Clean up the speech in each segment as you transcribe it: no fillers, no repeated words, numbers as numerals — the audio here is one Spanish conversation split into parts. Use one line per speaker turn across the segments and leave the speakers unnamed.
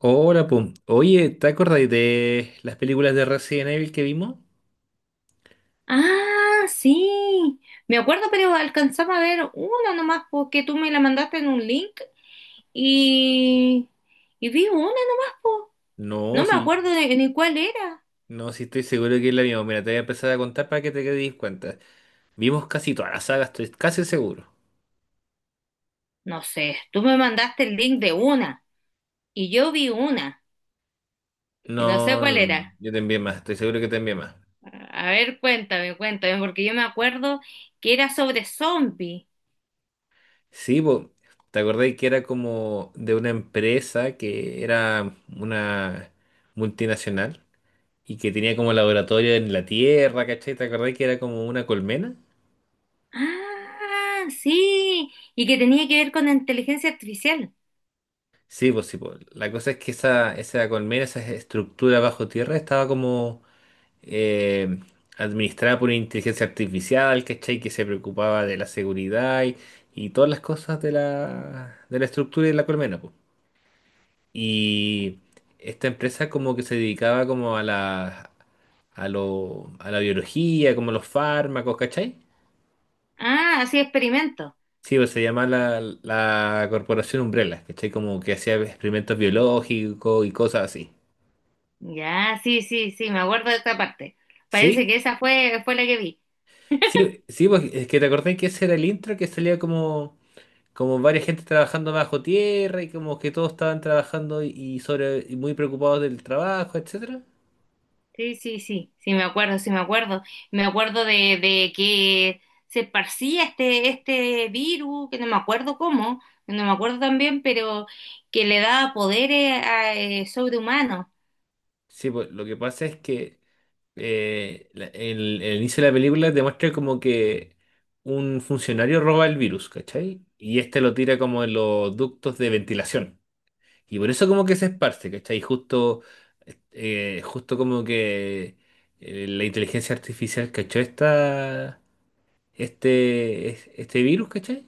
Hola, pum. Oye, ¿te acordáis de las películas de Resident Evil que vimos?
Ah, sí. Me acuerdo, pero alcanzaba a ver una nomás, porque tú me la mandaste en un link y, y vi una nomás, po.
No,
No me
sí,
acuerdo ni cuál era.
no, sí estoy seguro que la vimos. Mira, te voy a empezar a contar para que te quedes cuenta. Vimos casi toda la saga, estoy casi seguro.
No sé, tú me mandaste el link de una y yo vi una y no sé
No, no,
cuál
no,
era.
yo te envié más, estoy seguro que te envié más.
A ver, cuéntame, cuéntame, porque yo me acuerdo que era sobre zombies.
Sí, po, ¿te acordáis que era como de una empresa que era una multinacional y que tenía como laboratorio en la Tierra? ¿Cachai? ¿Te acordáis que era como una colmena?
Ah, sí, y que tenía que ver con la inteligencia artificial.
Sí, pues sí, pues. La cosa es que esa colmena, esa estructura bajo tierra, estaba como eh, administrada por una inteligencia artificial, ¿cachai? Que se preocupaba de la seguridad y todas las cosas de la estructura y de la colmena, pues. Y esta empresa como que se dedicaba como a la biología, como los fármacos, ¿cachai?
Ah, así experimento.
Sí, pues se llama la Corporación Umbrella, ¿cachai? Como que hacía experimentos biológicos y cosas así.
Ya, sí, sí, sí, me acuerdo de esta parte. Parece
¿Sí?
que fue la que vi.
Sí, sí, pues es que te acordás que ese era el intro que salía como varias gente trabajando bajo tierra y como que todos estaban trabajando y sobre y muy preocupados del trabajo, etcétera.
Sí, sí, sí, sí, me acuerdo, sí, me acuerdo. Me acuerdo de que se esparcía este virus, que no me acuerdo cómo, no me acuerdo también, pero que le daba poderes a, sobrehumanos.
Sí, pues lo que pasa es que el inicio de la película demuestra como que un funcionario roba el virus, ¿cachai? Y este lo tira como en los ductos de ventilación. Y por eso como que se esparce, ¿cachai? Y justo como que la inteligencia artificial cachó este virus, ¿cachai?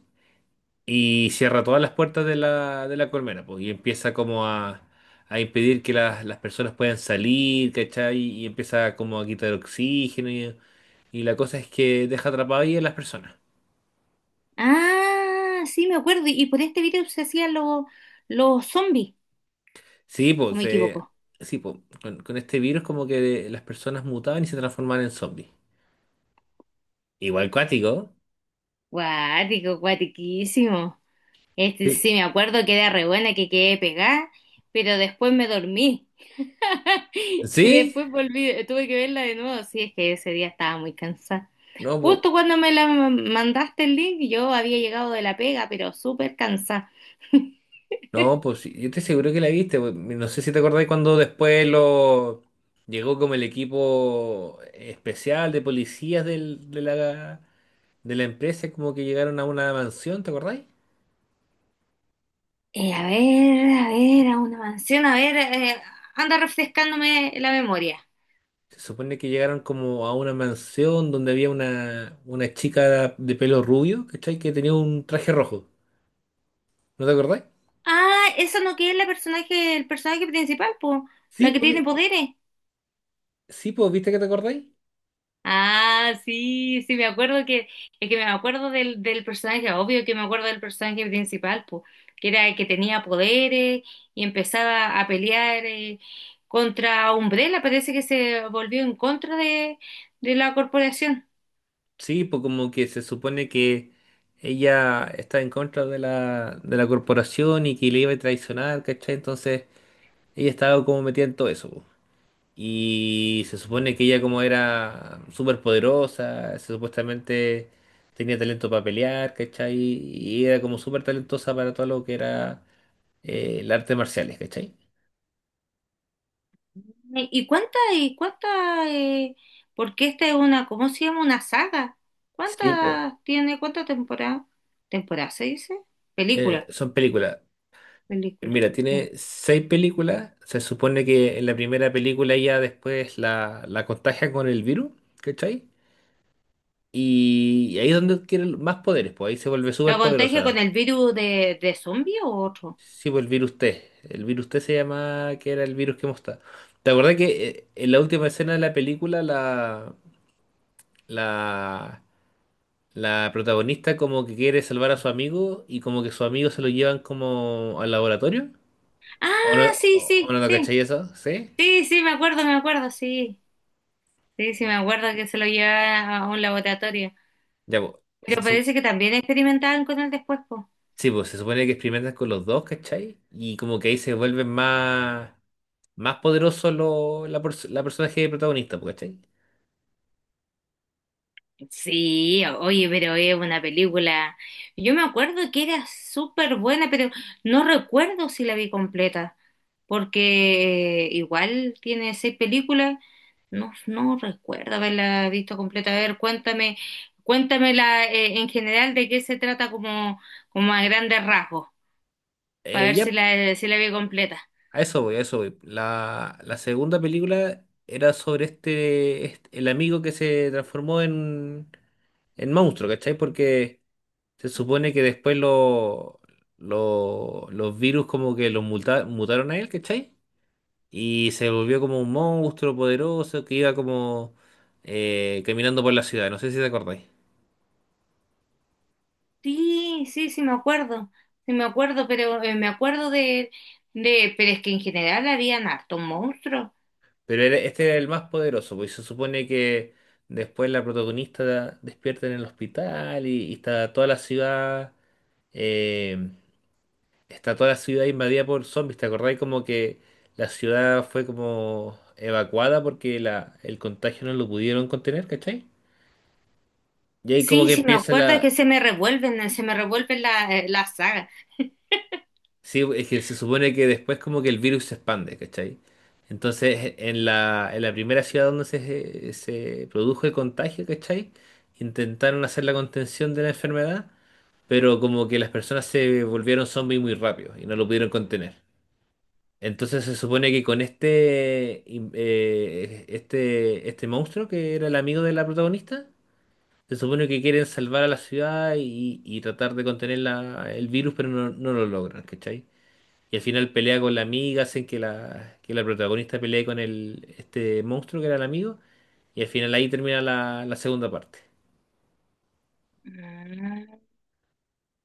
Y cierra todas las puertas de la colmena, pues, y empieza como a impedir que las personas puedan salir, ¿cachai? Y empieza como a quitar oxígeno y la cosa es que deja atrapadas ahí a las personas.
Ah, sí, me acuerdo. Y por este virus se hacían los zombies,
Sí,
¿o
pues,
me
eh,
equivoco?
sí, pues, con este virus como que las personas mutaban y se transformaban en zombies. Igual cuático,
Guático, guatiquísimo. Este,
sí.
sí, me acuerdo que era re buena, que quedé pegada, pero después me dormí. Y
¿Sí?
después volví, tuve que verla de nuevo. Sí, es que ese día estaba muy cansada.
No, pues.
Justo cuando mandaste el link, yo había llegado de la pega, pero súper cansada.
No, pues sí, yo estoy seguro que la viste, pues. No sé si te acordáis cuando después lo llegó como el equipo especial de policías de la empresa, como que llegaron a una mansión, ¿te acordáis?
A ver, a ver, a una mansión, a ver, anda refrescándome la memoria.
Se supone que llegaron como a una mansión donde había una chica de pelo rubio, ¿cachai? Que tenía un traje rojo. ¿No te acordáis?
Ah, esa no que es la personaje, el personaje principal, pues,
Sí,
la que
pues,
tiene
vi-
poderes.
sí, pues, ¿viste que te acordáis?
Ah, sí, sí, me acuerdo que, es que me acuerdo del personaje, obvio que me acuerdo del personaje principal, pues, que era el que tenía poderes y empezaba a pelear contra Umbrella, parece que se volvió en contra de la corporación.
Sí, pues como que se supone que ella está en contra de la corporación y que le iba a traicionar, ¿cachai? Entonces ella estaba como metida en todo eso, po. Y se supone que ella como era súper poderosa, supuestamente tenía talento para pelear, ¿cachai? Y era como súper talentosa para todo lo que era el arte marciales, ¿cachai?
Y cuánta, porque esta es una, ¿cómo se llama? Una saga.
Sí, pues,
¿Cuántas tiene, cuántas temporadas? ¿Temporada se dice? Película,
son películas.
película,
Mira,
sí.
tiene seis películas. Se supone que en la primera película ya después la contagia con el virus, ¿cachai? Y ahí es donde adquiere más poderes, pues ahí se vuelve
¿Lo
súper
contagia con
poderosa.
el virus de zombie o otro?
Sí, pues el virus T. El virus T se llama, que era el virus que mostraba. ¿Te acordás que en la última escena de la película la, la protagonista como que quiere salvar a su amigo y como que su amigo se lo llevan como al laboratorio?
Ah,
¿O no,
sí,
o
sí,
no,
sí.
cachai eso? ¿Sí?
Sí, sí, me acuerdo, sí. Sí, sí, me acuerdo que se lo llevaba a un laboratorio.
Ya, pues.
Pero parece que también experimentaban con él después, po.
Sí, pues se supone que experimentan con los dos, ¿cachai? Y como que ahí se vuelven más poderosos la personaje protagonista, pues, ¿cachai?
Sí, oye, pero es una película. Yo me acuerdo que era súper buena, pero no recuerdo si la vi completa, porque igual tiene seis películas. No, no recuerdo haberla visto completa. A ver, cuéntame, cuéntamela en general de qué se trata como, como a grandes rasgos, para ver si
Ya,
si la vi completa.
a eso voy, a eso voy. La segunda película era sobre el amigo que se transformó en monstruo, ¿cachai? Porque se supone que después los virus como que los mutaron a él, ¿cachai? Y se volvió como un monstruo poderoso que iba como caminando por la ciudad. No sé si te acordáis.
Sí, sí, sí me acuerdo, pero me acuerdo pero es que en general habían hartos monstruos.
Pero este era el más poderoso, pues se supone que después la protagonista despierta en el hospital y está toda la ciudad. Eh, está toda la ciudad invadida por zombies. ¿Te acordáis como que la ciudad fue como evacuada porque el contagio no lo pudieron contener? ¿Cachai? Y ahí como
Sí,
que
sí, me
empieza
acuerdo, es que
la...
se me revuelven las sagas.
Sí, es que se supone que después como que el virus se expande, ¿cachai? Entonces, en la primera ciudad donde se produjo el contagio, ¿cachai? Intentaron hacer la contención de la enfermedad, pero como que las personas se volvieron zombies muy rápido y no lo pudieron contener. Entonces se supone que con este monstruo que era el amigo de la protagonista, se supone que quieren salvar a la ciudad y tratar de contener el virus, pero no, no lo logran, ¿cachai? Y al final pelea con la amiga, hacen que la protagonista pelee con este monstruo que era el amigo. Y al final ahí termina la segunda parte.
Ah.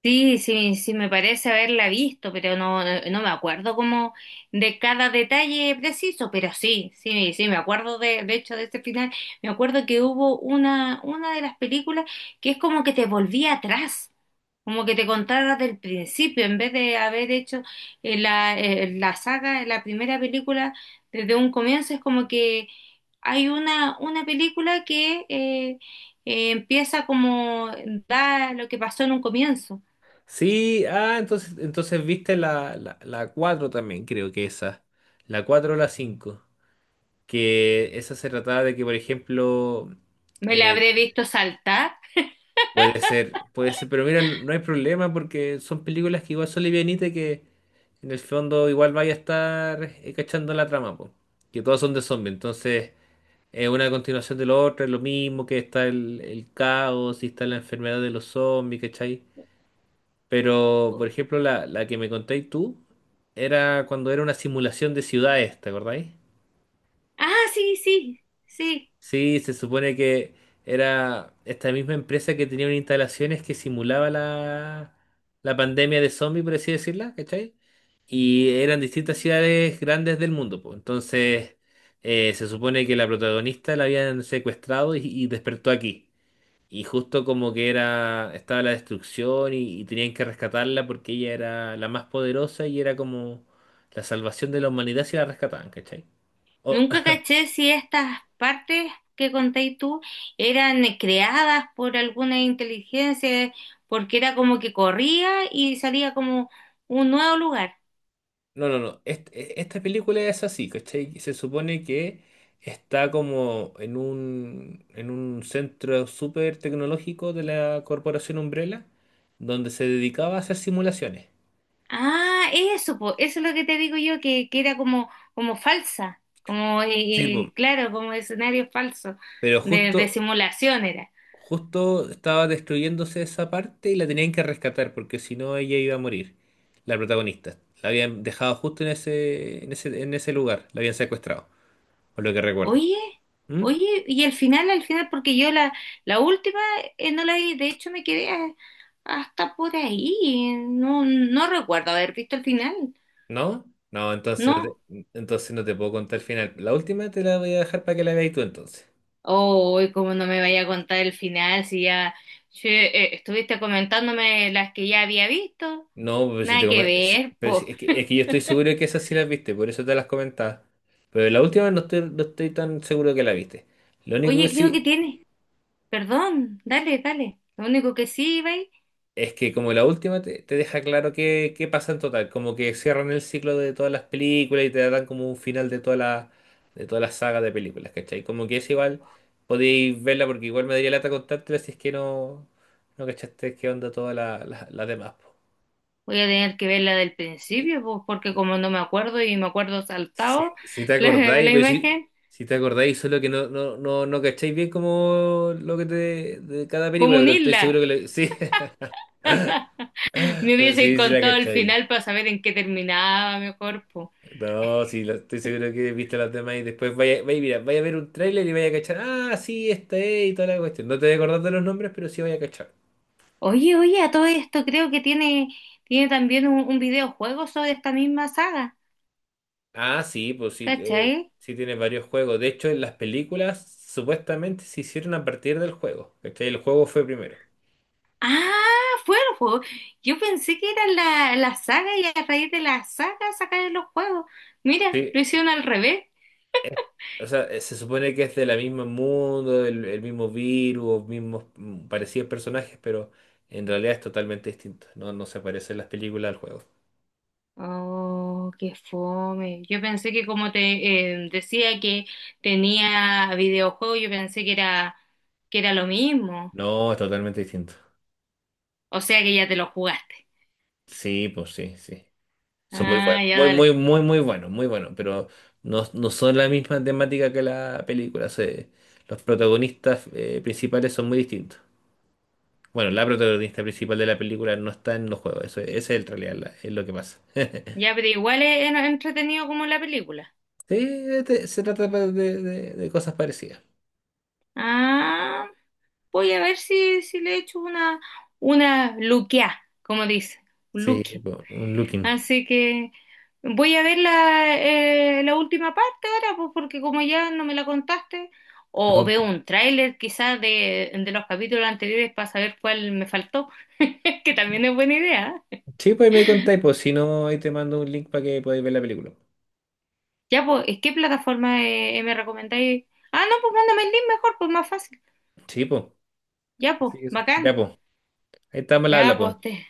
Sí, sí, sí, me parece haberla visto, pero no, no me acuerdo como de cada detalle preciso, pero sí, sí, sí, me acuerdo de hecho de este final, me acuerdo que hubo una de las películas que es como que te volvía atrás, como que te contara del principio, en vez de haber hecho la saga, la primera película desde un comienzo, es como que hay una película que empieza como da lo que pasó en un comienzo.
Sí, ah, entonces viste la 4 también, creo que esa. La 4 o la cinco. Que esa se trataba de que, por ejemplo,
Me la
eh,
habré visto saltar.
puede ser, pero mira, no no hay problema porque son películas que igual son livianitas y que en el fondo igual vaya a estar cachando la trama, po. Que todas son de zombies, entonces es una continuación de lo otro, es lo mismo que está el caos y está la enfermedad de los zombies, ¿cachai? Pero, por
Oh,
ejemplo, la que me contéis tú era cuando era una simulación de ciudades, ¿te acordáis?
ah, sí, sí, sí.
Sí, se supone que era esta misma empresa que tenía unas instalaciones que simulaba la pandemia de zombies, por así decirla, ¿cachai? Y eran distintas ciudades grandes del mundo, pues. Entonces, se supone que la protagonista la habían secuestrado y despertó aquí. Y justo como que era, estaba la destrucción y tenían que rescatarla porque ella era la más poderosa y era como la salvación de la humanidad si la rescataban, ¿cachai? O-
Nunca caché si estas partes que contéis tú eran creadas por alguna inteligencia, porque era como que corría y salía como un nuevo lugar.
no, no, no. Esta película es así, ¿cachai? Se supone que está como en un centro súper tecnológico de la Corporación Umbrella, donde se dedicaba a hacer simulaciones.
Ah, eso, po, eso es lo que te digo yo, que era como, como falsa, como,
Sí, po.
claro, como escenario falso,
Pero
de simulación era.
justo estaba destruyéndose esa parte y la tenían que rescatar porque si no ella iba a morir, la protagonista. La habían dejado justo en ese lugar, la habían secuestrado, por lo que recuerdo.
Oye,
¿Mm?
oye, y al final, porque yo la última no la vi, de hecho hasta por ahí, no, no recuerdo haber visto el final,
¿No? No, entonces
no.
no te puedo contar el final. La última te la voy a dejar para que la veas tú entonces.
Oh, como no me vaya a contar el final si ya che, estuviste comentándome las que ya había visto,
No, pero si te
nada que
come- si-
ver,
pero si-
po.
es que, yo estoy seguro que esas sí las viste, por eso te las comentaba. Pero la última no estoy, no estoy tan seguro que la viste. Lo único que
Oye, creo
sí...
que tiene, perdón, dale, dale, lo único que sí, Ibai,
Es que como la última te deja claro qué pasa en total, como que cierran el ciclo de todas las películas y te dan como un final de toda la saga de películas, ¿cachai? Como que es igual, podéis verla porque igual me daría lata contártela si es que no, no cachaste qué onda todas las demás, po.
voy a tener que ver la del principio, po, porque como no me acuerdo y me acuerdo
Si,
saltado
si te acordáis,
la
pero si,
imagen.
si te acordáis, solo que no, no, no, no cacháis bien como lo que te de cada
Como
película,
un
pero estoy seguro
isla.
que sí.
Me
Pero
hubiese
sí, sí la
contado el
cacháis.
final para saber en qué terminaba mejor, po.
No, sí, estoy seguro que viste las demás y después vaya, mira, vaya a ver un tráiler y vaya a cachar, ah, sí, esta es y toda la cuestión. No te voy a acordar de los nombres, pero sí vaya a cachar.
Oye, oye, a todo esto creo que tiene, tiene también un videojuego sobre esta misma saga,
Ah, sí, pues sí,
¿cachai?
sí tiene varios juegos. De hecho, en las películas supuestamente se hicieron a partir del juego, ¿cachai? El juego fue primero.
Ah, fue el juego. Yo pensé que era la saga y a raíz de la saga sacaron los juegos. Mira,
Sí,
lo hicieron al revés.
o sea, se supone que es del mismo mundo, el mismo virus, mismos parecidos personajes, pero en realidad es totalmente distinto. No, no se parece en las películas al juego.
Oh, qué fome. Yo pensé que como te decía que tenía videojuego, yo pensé que era lo mismo.
No, es totalmente distinto.
O sea que ya te lo jugaste.
Sí, pues sí, sí. Son muy
Ah,
buenos,
ya
muy,
dale.
muy, muy, muy buenos, pero no, no son la misma temática que la película. Se- los protagonistas principales son muy distintos. Bueno, la protagonista principal de la película no está en los juegos, eso, ese es el realidad, es lo que pasa.
Ya, pero igual es entretenido como la película.
Sí, se trata de, de cosas parecidas.
Ah, voy a ver si, si le echo una luqueá, como dice,
Sí,
luqui.
po, un looking.
Así que voy a ver la, la última parte ahora, pues porque como ya no me la contaste, o
No,
veo un tráiler quizás de los capítulos anteriores para saber cuál me faltó, que también es buena idea. ¿Eh?
sí, pues ahí me contáis, pues si no, ahí te mando un link para que podáis ver la película.
Ya, pues, ¿y qué plataforma me recomendáis? Ah, no, pues mándame el link mejor, pues más fácil.
Sí, pues.
Ya, pues,
Ya,
bacán.
pues. Ahí estamos al
Ya,
habla, pues.
pues, te,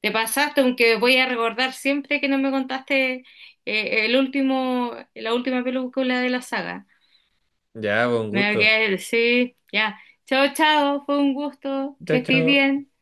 te pasaste, aunque voy a recordar siempre que no me contaste la última película de la saga.
Ya, pues, un
Me voy a
gusto.
quedar, sí, ya. Chao, chao, fue un gusto,
Chao,
que estés
chao.
bien.